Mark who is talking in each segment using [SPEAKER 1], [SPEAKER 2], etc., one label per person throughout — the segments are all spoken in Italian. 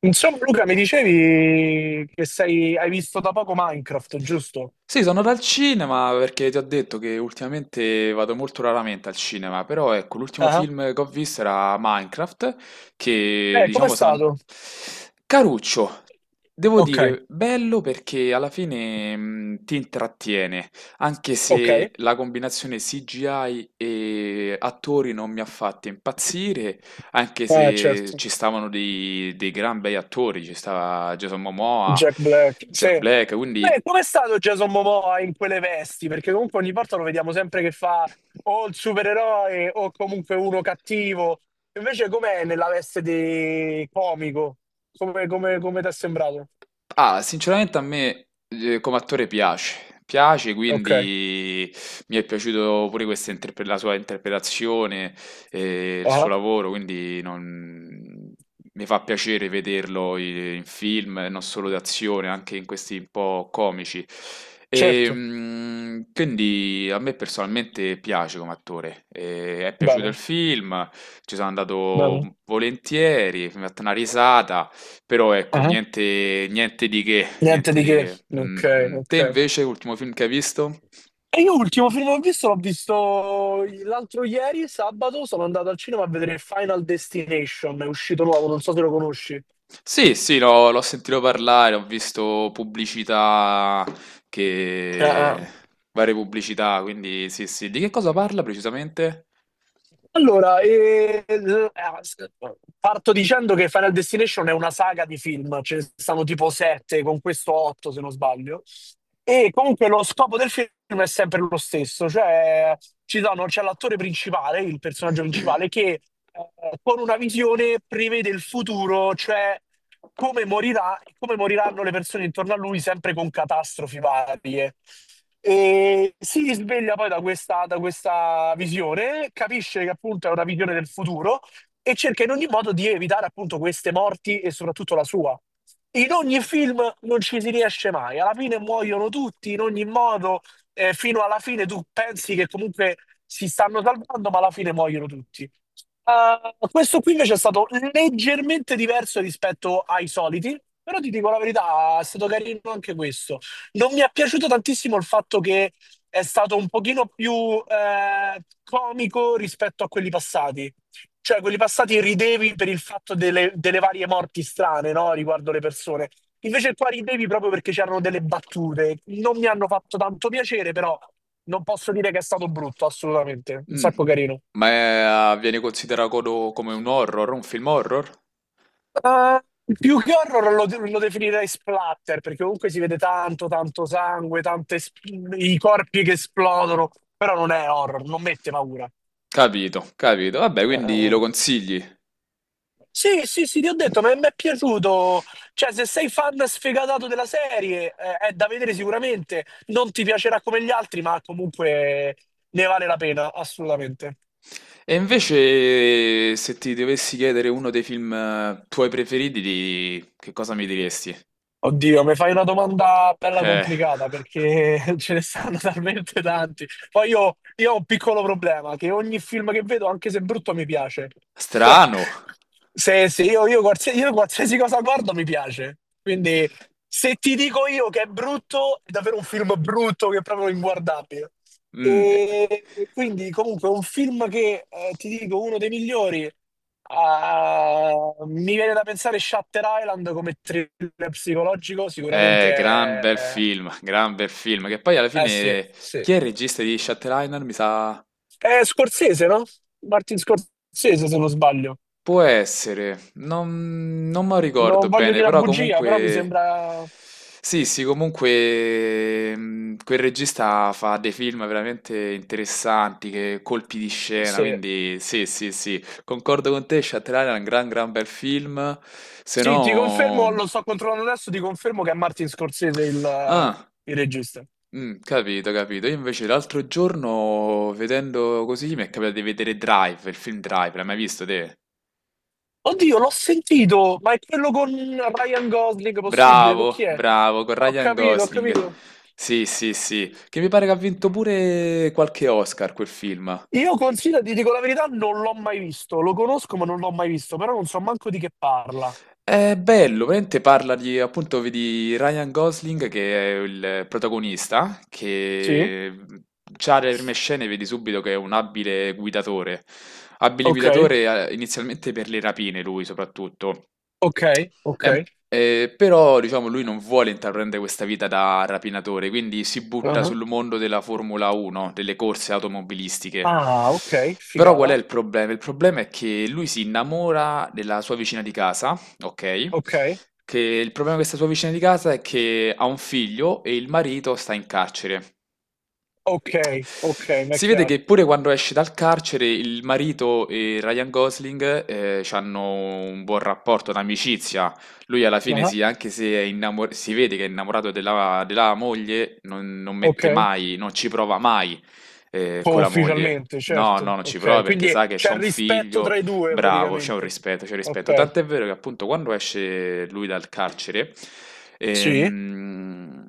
[SPEAKER 1] Insomma, Luca, mi dicevi che hai visto da poco Minecraft, giusto?
[SPEAKER 2] Sì, sono dal cinema perché ti ho detto che ultimamente vado molto raramente al cinema, però ecco, l'ultimo
[SPEAKER 1] Ah,
[SPEAKER 2] film che ho visto era Minecraft, che
[SPEAKER 1] Com'è
[SPEAKER 2] diciamo sono...
[SPEAKER 1] stato?
[SPEAKER 2] Caruccio, devo
[SPEAKER 1] Ok,
[SPEAKER 2] dire, bello perché alla fine ti intrattiene, anche
[SPEAKER 1] ok.
[SPEAKER 2] se la combinazione CGI e attori non mi ha fatto impazzire, anche se
[SPEAKER 1] Certo.
[SPEAKER 2] ci stavano dei gran bei attori, ci stava Jason Momoa,
[SPEAKER 1] Jack Black, sì.
[SPEAKER 2] Jack Black,
[SPEAKER 1] Beh,
[SPEAKER 2] quindi...
[SPEAKER 1] com'è stato Jason Momoa in quelle vesti? Perché comunque ogni volta lo vediamo sempre che fa o il supereroe o comunque uno cattivo. Invece com'è nella veste di comico? Come ti è sembrato?
[SPEAKER 2] Ah, sinceramente a me come attore piace,
[SPEAKER 1] Ok,
[SPEAKER 2] quindi mi è piaciuto pure questa la sua interpretazione e il suo
[SPEAKER 1] ah,
[SPEAKER 2] lavoro, quindi mi fa piacere vederlo in film, non solo d'azione, anche in questi un po' comici. E,
[SPEAKER 1] certo.
[SPEAKER 2] quindi a me personalmente piace come attore, e è piaciuto il
[SPEAKER 1] Bene,
[SPEAKER 2] film, ci sono
[SPEAKER 1] bene.
[SPEAKER 2] andato volentieri, mi ha fatto una risata. Però ecco, niente, niente di che,
[SPEAKER 1] Niente
[SPEAKER 2] niente
[SPEAKER 1] di
[SPEAKER 2] di
[SPEAKER 1] che.
[SPEAKER 2] che. Mm,
[SPEAKER 1] Ok,
[SPEAKER 2] mm. Te
[SPEAKER 1] ok.
[SPEAKER 2] invece, l'ultimo film che hai visto?
[SPEAKER 1] E io l'ultimo film che ho visto l'ho visto l'altro ieri, sabato, sono andato al cinema a vedere Final Destination, è uscito nuovo, non so se lo conosci.
[SPEAKER 2] Sì, sì, l'ho sentito parlare, ho visto pubblicità
[SPEAKER 1] Ah, ah.
[SPEAKER 2] che... varie pubblicità, quindi sì, sì. Di che cosa parla precisamente?
[SPEAKER 1] Allora, parto dicendo che Final Destination è una saga di film, ce ne stanno tipo sette, con questo otto se non sbaglio. E comunque lo scopo del film è sempre lo stesso, cioè c'è l'attore principale, il personaggio principale, che con una visione prevede il futuro, cioè come morirà, come moriranno le persone intorno a lui, sempre con catastrofi varie. E si risveglia poi da questa visione, capisce che appunto è una visione del futuro e cerca in ogni modo di evitare appunto queste morti e soprattutto la sua. In ogni film non ci si riesce mai, alla fine muoiono tutti in ogni modo, fino alla fine tu pensi che comunque si stanno salvando, ma alla fine muoiono tutti. Questo qui invece è stato leggermente diverso rispetto ai soliti, però ti dico la verità, è stato carino anche questo. Non mi è piaciuto tantissimo il fatto che è stato un pochino più comico rispetto a quelli passati. Cioè, quelli passati ridevi per il fatto delle varie morti strane, no? Riguardo le persone. Invece qua ridevi proprio perché c'erano delle battute. Non mi hanno fatto tanto piacere, però non posso dire che è stato brutto, assolutamente. Un
[SPEAKER 2] Mm.
[SPEAKER 1] sacco carino.
[SPEAKER 2] Ma è- ah, viene considerato come un horror, un film horror?
[SPEAKER 1] Eh, più che horror lo definirei splatter, perché comunque si vede tanto, tanto sangue, i corpi che esplodono, però non è horror, non mette paura.
[SPEAKER 2] Capito, capito. Vabbè,
[SPEAKER 1] Eh, eh.
[SPEAKER 2] quindi
[SPEAKER 1] eh.
[SPEAKER 2] lo consigli.
[SPEAKER 1] Sì, sì, sì, ti ho detto, ma mi è piaciuto. Cioè, se sei fan sfegatato della serie, è da vedere sicuramente. Non ti piacerà come gli altri, ma comunque ne vale la pena, assolutamente.
[SPEAKER 2] E invece, se ti dovessi chiedere uno dei film tuoi preferiti, che cosa mi diresti?
[SPEAKER 1] Oddio, mi fai una domanda bella
[SPEAKER 2] Eh,
[SPEAKER 1] complicata perché ce ne stanno talmente tanti. Poi io ho un piccolo problema, che ogni film che vedo, anche se brutto, mi piace.
[SPEAKER 2] strano.
[SPEAKER 1] Sì, sì, io qualsiasi cosa guardo mi piace. Quindi se ti dico io che è brutto, è davvero un film brutto che è proprio inguardabile.
[SPEAKER 2] Mm.
[SPEAKER 1] E quindi comunque un film che, ti dico, uno dei migliori, ah, mi viene da pensare Shutter Island come thriller psicologico, sicuramente
[SPEAKER 2] Gran bel
[SPEAKER 1] è.
[SPEAKER 2] film, gran bel film. Che poi alla
[SPEAKER 1] Eh sì,
[SPEAKER 2] fine,
[SPEAKER 1] sì.
[SPEAKER 2] chi è il regista di Shutter Island? Mi sa.
[SPEAKER 1] È Scorsese, no? Martin Scorsese, se non sbaglio.
[SPEAKER 2] Può essere, non me lo ricordo
[SPEAKER 1] Non voglio
[SPEAKER 2] bene,
[SPEAKER 1] dire una
[SPEAKER 2] però
[SPEAKER 1] bugia, però mi
[SPEAKER 2] comunque...
[SPEAKER 1] sembra.
[SPEAKER 2] Sì, sì, comunque quel regista fa dei film veramente interessanti, che colpi di scena,
[SPEAKER 1] Sì.
[SPEAKER 2] quindi sì, sì, sì, concordo con te, Shutter Island è un gran bel film, se
[SPEAKER 1] Sì, ti confermo,
[SPEAKER 2] no...
[SPEAKER 1] lo sto controllando adesso, ti confermo che è Martin Scorsese il
[SPEAKER 2] Ah,
[SPEAKER 1] il regista.
[SPEAKER 2] capito, capito. Io invece l'altro giorno, vedendo così, mi è capitato di vedere Drive, il film Drive, l'hai mai visto te?
[SPEAKER 1] Oddio, l'ho sentito, ma è quello con Ryan Gosling possibile? Con chi
[SPEAKER 2] Bravo,
[SPEAKER 1] è?
[SPEAKER 2] bravo, con
[SPEAKER 1] Ho
[SPEAKER 2] Ryan
[SPEAKER 1] capito, ho
[SPEAKER 2] Gosling.
[SPEAKER 1] capito.
[SPEAKER 2] Sì, sì, sì, che mi pare che ha vinto pure qualche Oscar quel film.
[SPEAKER 1] Io consiglio, ti dico la verità, non l'ho mai visto. Lo conosco, ma non l'ho mai visto, però non so manco di che parla.
[SPEAKER 2] È bello, veramente parla di, appunto, vedi Ryan Gosling che è il protagonista,
[SPEAKER 1] Sì?
[SPEAKER 2] che già dalle prime scene vedi subito che è un abile guidatore. Abile
[SPEAKER 1] Ok,
[SPEAKER 2] guidatore inizialmente per le rapine, lui soprattutto.
[SPEAKER 1] ok, ok.
[SPEAKER 2] Però, diciamo, lui non vuole intraprendere questa vita da rapinatore, quindi si butta
[SPEAKER 1] Uh-huh.
[SPEAKER 2] sul mondo della Formula 1, delle corse automobilistiche.
[SPEAKER 1] Ah, ok,
[SPEAKER 2] Però qual è
[SPEAKER 1] figata.
[SPEAKER 2] il problema? Il problema è che lui si innamora della sua vicina di casa. Okay.
[SPEAKER 1] Ok,
[SPEAKER 2] Che il problema di questa sua vicina di casa è che ha un figlio e il marito sta in carcere.
[SPEAKER 1] ok, ok, mi è
[SPEAKER 2] Si vede
[SPEAKER 1] chiaro.
[SPEAKER 2] che pure quando esce dal carcere il marito e Ryan Gosling, c'hanno un buon rapporto, un'amicizia. Lui alla fine
[SPEAKER 1] Uh-huh.
[SPEAKER 2] sì, anche se è innamo si vede che è innamorato della moglie, non mette
[SPEAKER 1] Ok,
[SPEAKER 2] mai, non ci prova mai,
[SPEAKER 1] oh,
[SPEAKER 2] con la moglie.
[SPEAKER 1] ufficialmente,
[SPEAKER 2] No, no,
[SPEAKER 1] certo.
[SPEAKER 2] non ci
[SPEAKER 1] Ok,
[SPEAKER 2] prova perché
[SPEAKER 1] quindi
[SPEAKER 2] sa che
[SPEAKER 1] c'è
[SPEAKER 2] c'ha
[SPEAKER 1] il
[SPEAKER 2] un
[SPEAKER 1] rispetto tra
[SPEAKER 2] figlio.
[SPEAKER 1] i due
[SPEAKER 2] Bravo, c'è un
[SPEAKER 1] praticamente.
[SPEAKER 2] rispetto, c'è un rispetto.
[SPEAKER 1] Ok,
[SPEAKER 2] Tant'è vero che appunto quando esce lui dal carcere,
[SPEAKER 1] sì,
[SPEAKER 2] ehm,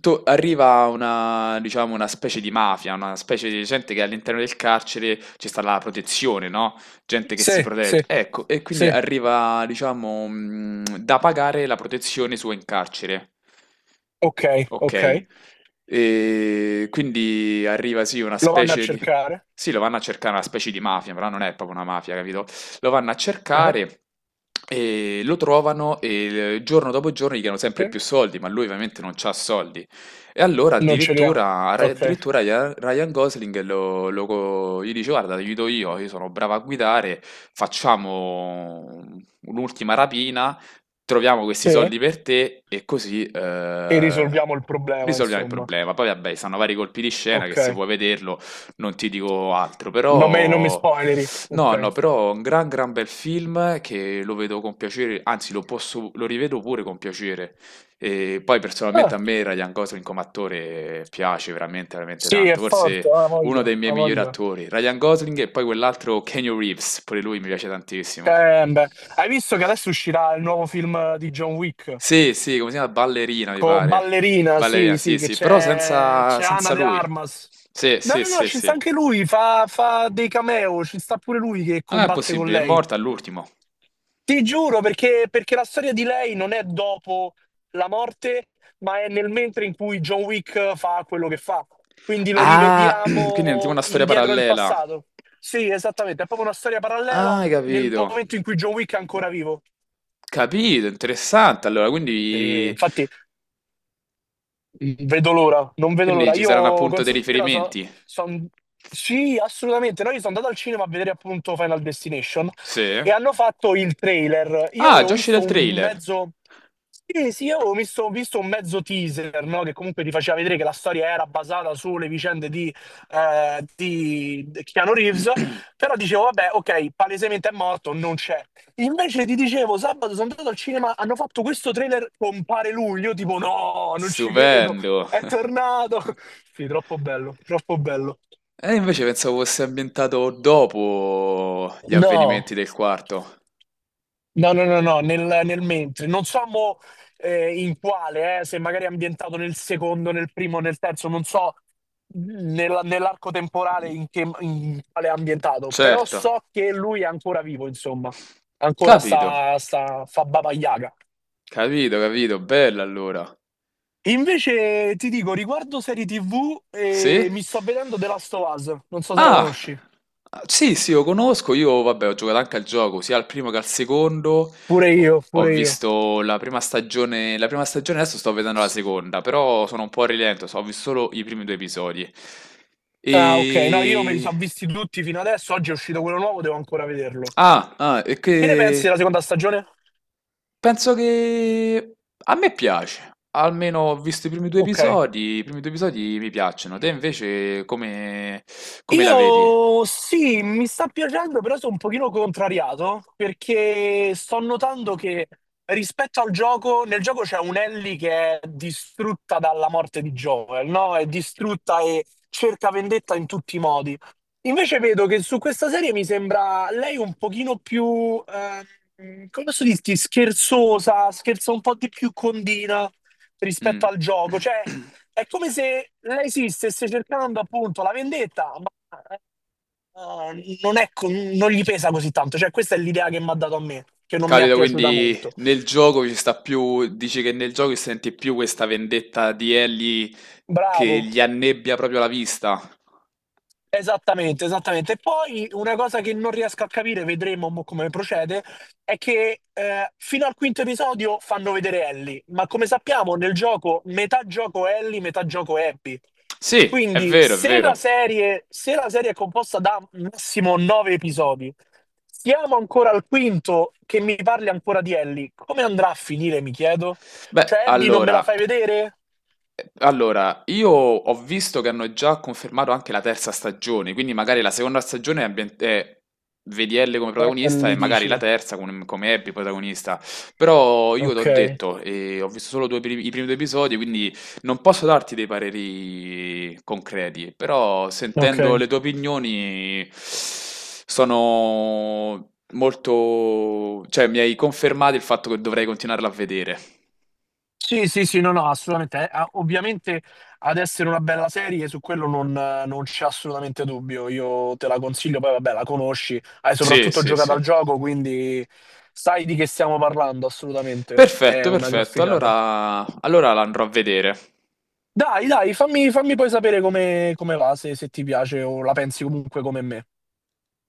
[SPEAKER 2] arriva una, diciamo, una specie di mafia, una specie di gente che all'interno del carcere ci sta la protezione, no? Gente che si
[SPEAKER 1] sì, sì,
[SPEAKER 2] protegge. Ecco, e quindi
[SPEAKER 1] sì.
[SPEAKER 2] arriva, diciamo, da pagare la protezione sua in carcere.
[SPEAKER 1] Ok, ok.
[SPEAKER 2] Ok, e quindi arriva sì una
[SPEAKER 1] Lo vanno a
[SPEAKER 2] specie di...
[SPEAKER 1] cercare?
[SPEAKER 2] Sì, lo vanno a cercare una specie di mafia, però non è proprio una mafia, capito? Lo vanno a
[SPEAKER 1] Eh,
[SPEAKER 2] cercare e lo trovano e giorno dopo giorno gli chiedono sempre
[SPEAKER 1] sì.
[SPEAKER 2] più soldi, ma lui ovviamente non c'ha soldi. E allora
[SPEAKER 1] Non ce li ha.
[SPEAKER 2] addirittura,
[SPEAKER 1] Ok.
[SPEAKER 2] addirittura Ryan Gosling gli dice: guarda, ti aiuto io sono bravo a guidare, facciamo un'ultima rapina, troviamo questi
[SPEAKER 1] Sì. E
[SPEAKER 2] soldi per te e così
[SPEAKER 1] risolviamo il problema,
[SPEAKER 2] risolviamo il
[SPEAKER 1] insomma.
[SPEAKER 2] problema. Poi vabbè, stanno vari colpi di scena che
[SPEAKER 1] Ok.
[SPEAKER 2] se vuoi vederlo non ti dico altro,
[SPEAKER 1] Non mi
[SPEAKER 2] però
[SPEAKER 1] spoileri.
[SPEAKER 2] no,
[SPEAKER 1] Ok.
[SPEAKER 2] no, però è un gran bel film che lo vedo con piacere, anzi lo posso, lo rivedo pure con piacere. E poi
[SPEAKER 1] Ah,
[SPEAKER 2] personalmente a me Ryan Gosling come attore piace veramente
[SPEAKER 1] sì, è
[SPEAKER 2] tanto,
[SPEAKER 1] forte.
[SPEAKER 2] forse
[SPEAKER 1] Ha
[SPEAKER 2] uno dei
[SPEAKER 1] voglia,
[SPEAKER 2] miei
[SPEAKER 1] ha
[SPEAKER 2] migliori
[SPEAKER 1] voglia.
[SPEAKER 2] attori, Ryan Gosling, e poi quell'altro Keanu Reeves, pure lui mi piace tantissimo.
[SPEAKER 1] Beh. Hai visto che adesso uscirà il nuovo film di John Wick?
[SPEAKER 2] Sì, sì, come si chiama? Ballerina, mi
[SPEAKER 1] Con
[SPEAKER 2] pare.
[SPEAKER 1] ballerina,
[SPEAKER 2] Ballerina,
[SPEAKER 1] sì, sì,
[SPEAKER 2] sì,
[SPEAKER 1] che
[SPEAKER 2] sì, però
[SPEAKER 1] c'è c'è Ana
[SPEAKER 2] senza
[SPEAKER 1] de
[SPEAKER 2] lui.
[SPEAKER 1] Armas.
[SPEAKER 2] Sì,
[SPEAKER 1] No,
[SPEAKER 2] sì,
[SPEAKER 1] no, no,
[SPEAKER 2] sì,
[SPEAKER 1] ci sta
[SPEAKER 2] sì.
[SPEAKER 1] anche lui, fa dei cameo, ci sta pure lui che
[SPEAKER 2] Non è
[SPEAKER 1] combatte con
[SPEAKER 2] possibile, è
[SPEAKER 1] lei.
[SPEAKER 2] morta all'ultimo.
[SPEAKER 1] Ti giuro, perché la storia di lei non è dopo la morte, ma è nel mentre in cui John Wick fa quello che fa. Quindi lo
[SPEAKER 2] Ah, quindi è tipo
[SPEAKER 1] rivediamo
[SPEAKER 2] una storia
[SPEAKER 1] indietro nel
[SPEAKER 2] parallela.
[SPEAKER 1] passato. Sì, esattamente, è proprio una storia parallela
[SPEAKER 2] Ah, hai
[SPEAKER 1] nel
[SPEAKER 2] capito.
[SPEAKER 1] momento in cui John Wick è ancora vivo.
[SPEAKER 2] Capito, interessante. Allora,
[SPEAKER 1] E
[SPEAKER 2] quindi,
[SPEAKER 1] infatti non vedo
[SPEAKER 2] quindi
[SPEAKER 1] l'ora.
[SPEAKER 2] ci saranno
[SPEAKER 1] Io
[SPEAKER 2] appunto dei
[SPEAKER 1] considero, so-
[SPEAKER 2] riferimenti.
[SPEAKER 1] son- sì, assolutamente. Noi sono andato al cinema a vedere appunto Final Destination
[SPEAKER 2] Sì.
[SPEAKER 1] e hanno fatto il trailer. Io
[SPEAKER 2] Ah,
[SPEAKER 1] avevo
[SPEAKER 2] già uscito
[SPEAKER 1] visto
[SPEAKER 2] il
[SPEAKER 1] un
[SPEAKER 2] trailer.
[SPEAKER 1] mezzo, sì, sì, io avevo visto un mezzo teaser, no? Che comunque ti faceva vedere che la storia era basata sulle vicende di Keanu Reeves, però dicevo, vabbè, ok, palesemente è morto, non c'è. Invece ti dicevo, sabato sono andato al cinema, hanno fatto questo trailer con Pare Lui, io tipo no, non ci credo,
[SPEAKER 2] Stupendo.
[SPEAKER 1] è tornato. Sì, troppo bello, troppo bello.
[SPEAKER 2] E invece pensavo fosse ambientato dopo gli
[SPEAKER 1] No,
[SPEAKER 2] avvenimenti del quarto.
[SPEAKER 1] no, no, no, no, nel mentre. Non so mo, in quale, se magari è ambientato nel secondo, nel primo, nel terzo, non so nell'arco temporale in quale è ambientato, però
[SPEAKER 2] Certo,
[SPEAKER 1] so che lui è ancora vivo, insomma, ancora
[SPEAKER 2] capito,
[SPEAKER 1] fa Baba Yaga.
[SPEAKER 2] capito, capito, bella allora.
[SPEAKER 1] Invece ti dico, riguardo serie TV,
[SPEAKER 2] Sì?
[SPEAKER 1] mi sto vedendo The Last of Us, non so se la
[SPEAKER 2] Ah,
[SPEAKER 1] conosci.
[SPEAKER 2] sì, sì, lo conosco, io vabbè ho giocato anche al gioco, sia al primo che al secondo.
[SPEAKER 1] Pure
[SPEAKER 2] Ho
[SPEAKER 1] io,
[SPEAKER 2] ho
[SPEAKER 1] pure io.
[SPEAKER 2] visto la prima stagione, adesso sto vedendo la seconda, però sono un po' a rilento, ho visto solo i primi due episodi.
[SPEAKER 1] Ah, ok, no, io me li
[SPEAKER 2] E...
[SPEAKER 1] sono visti tutti fino adesso, oggi è uscito quello nuovo, devo ancora vederlo.
[SPEAKER 2] Ah, ah, e
[SPEAKER 1] Che ne pensi
[SPEAKER 2] che...
[SPEAKER 1] della seconda stagione?
[SPEAKER 2] Penso che a me piace, almeno ho visto i primi due
[SPEAKER 1] Ok.
[SPEAKER 2] episodi, i primi due episodi mi piacciono. Te invece come la vedi?
[SPEAKER 1] Io sì, mi sta piacendo, però sono un pochino contrariato perché sto notando che rispetto al gioco, nel gioco c'è un Ellie che è distrutta dalla morte di Joel, no? È distrutta e cerca vendetta in tutti i modi. Invece vedo che su questa serie mi sembra lei un pochino più, come posso dirti, scherzosa, scherza un po' di più condina rispetto
[SPEAKER 2] Mh.
[SPEAKER 1] al gioco, cioè. È come se lei sì, stesse cercando appunto la vendetta, non è non gli pesa così tanto. Cioè, questa è l'idea che mi ha dato a me, che non mi è
[SPEAKER 2] Capita
[SPEAKER 1] piaciuta
[SPEAKER 2] quindi
[SPEAKER 1] molto.
[SPEAKER 2] nel gioco ci sta più, dici che nel gioco senti più questa vendetta di Ellie che
[SPEAKER 1] Bravo,
[SPEAKER 2] gli annebbia proprio la vista.
[SPEAKER 1] esattamente, esattamente. E poi una cosa che non riesco a capire, vedremo mo come procede, è che fino al quinto episodio fanno vedere Ellie, ma come sappiamo nel gioco metà gioco Ellie, metà gioco Abby.
[SPEAKER 2] Sì, è
[SPEAKER 1] Quindi
[SPEAKER 2] vero, è
[SPEAKER 1] se la
[SPEAKER 2] vero.
[SPEAKER 1] serie, se la serie è composta da massimo nove episodi, siamo ancora al quinto che mi parli ancora di Ellie, come andrà a finire, mi chiedo?
[SPEAKER 2] Beh,
[SPEAKER 1] Cioè Abby non me la
[SPEAKER 2] allora,
[SPEAKER 1] fai vedere?
[SPEAKER 2] allora, io ho visto che hanno già confermato anche la terza stagione, quindi magari la seconda stagione è, è vedi Elle come protagonista e
[SPEAKER 1] Ellie
[SPEAKER 2] magari la
[SPEAKER 1] dici.
[SPEAKER 2] terza come Abby protagonista. Però io t'ho
[SPEAKER 1] Ok,
[SPEAKER 2] detto, ho visto solo i primi due episodi, quindi non posso darti dei pareri concreti, però
[SPEAKER 1] ok.
[SPEAKER 2] sentendo le tue opinioni sono molto... cioè mi hai confermato il fatto che dovrei continuarla a vedere.
[SPEAKER 1] Sì, sì, sì, no, no, assolutamente. Ovviamente ad essere una bella serie, su quello non c'è assolutamente dubbio. Io te la consiglio, poi vabbè, la conosci, hai
[SPEAKER 2] Sì,
[SPEAKER 1] soprattutto
[SPEAKER 2] sì,
[SPEAKER 1] giocato
[SPEAKER 2] sì.
[SPEAKER 1] al gioco, quindi sai di che stiamo parlando, assolutamente. È
[SPEAKER 2] Perfetto,
[SPEAKER 1] una
[SPEAKER 2] perfetto.
[SPEAKER 1] graficata.
[SPEAKER 2] Allora, allora la andrò a vedere.
[SPEAKER 1] Dai, dai, fammi poi sapere come va, se ti piace o la pensi comunque come me.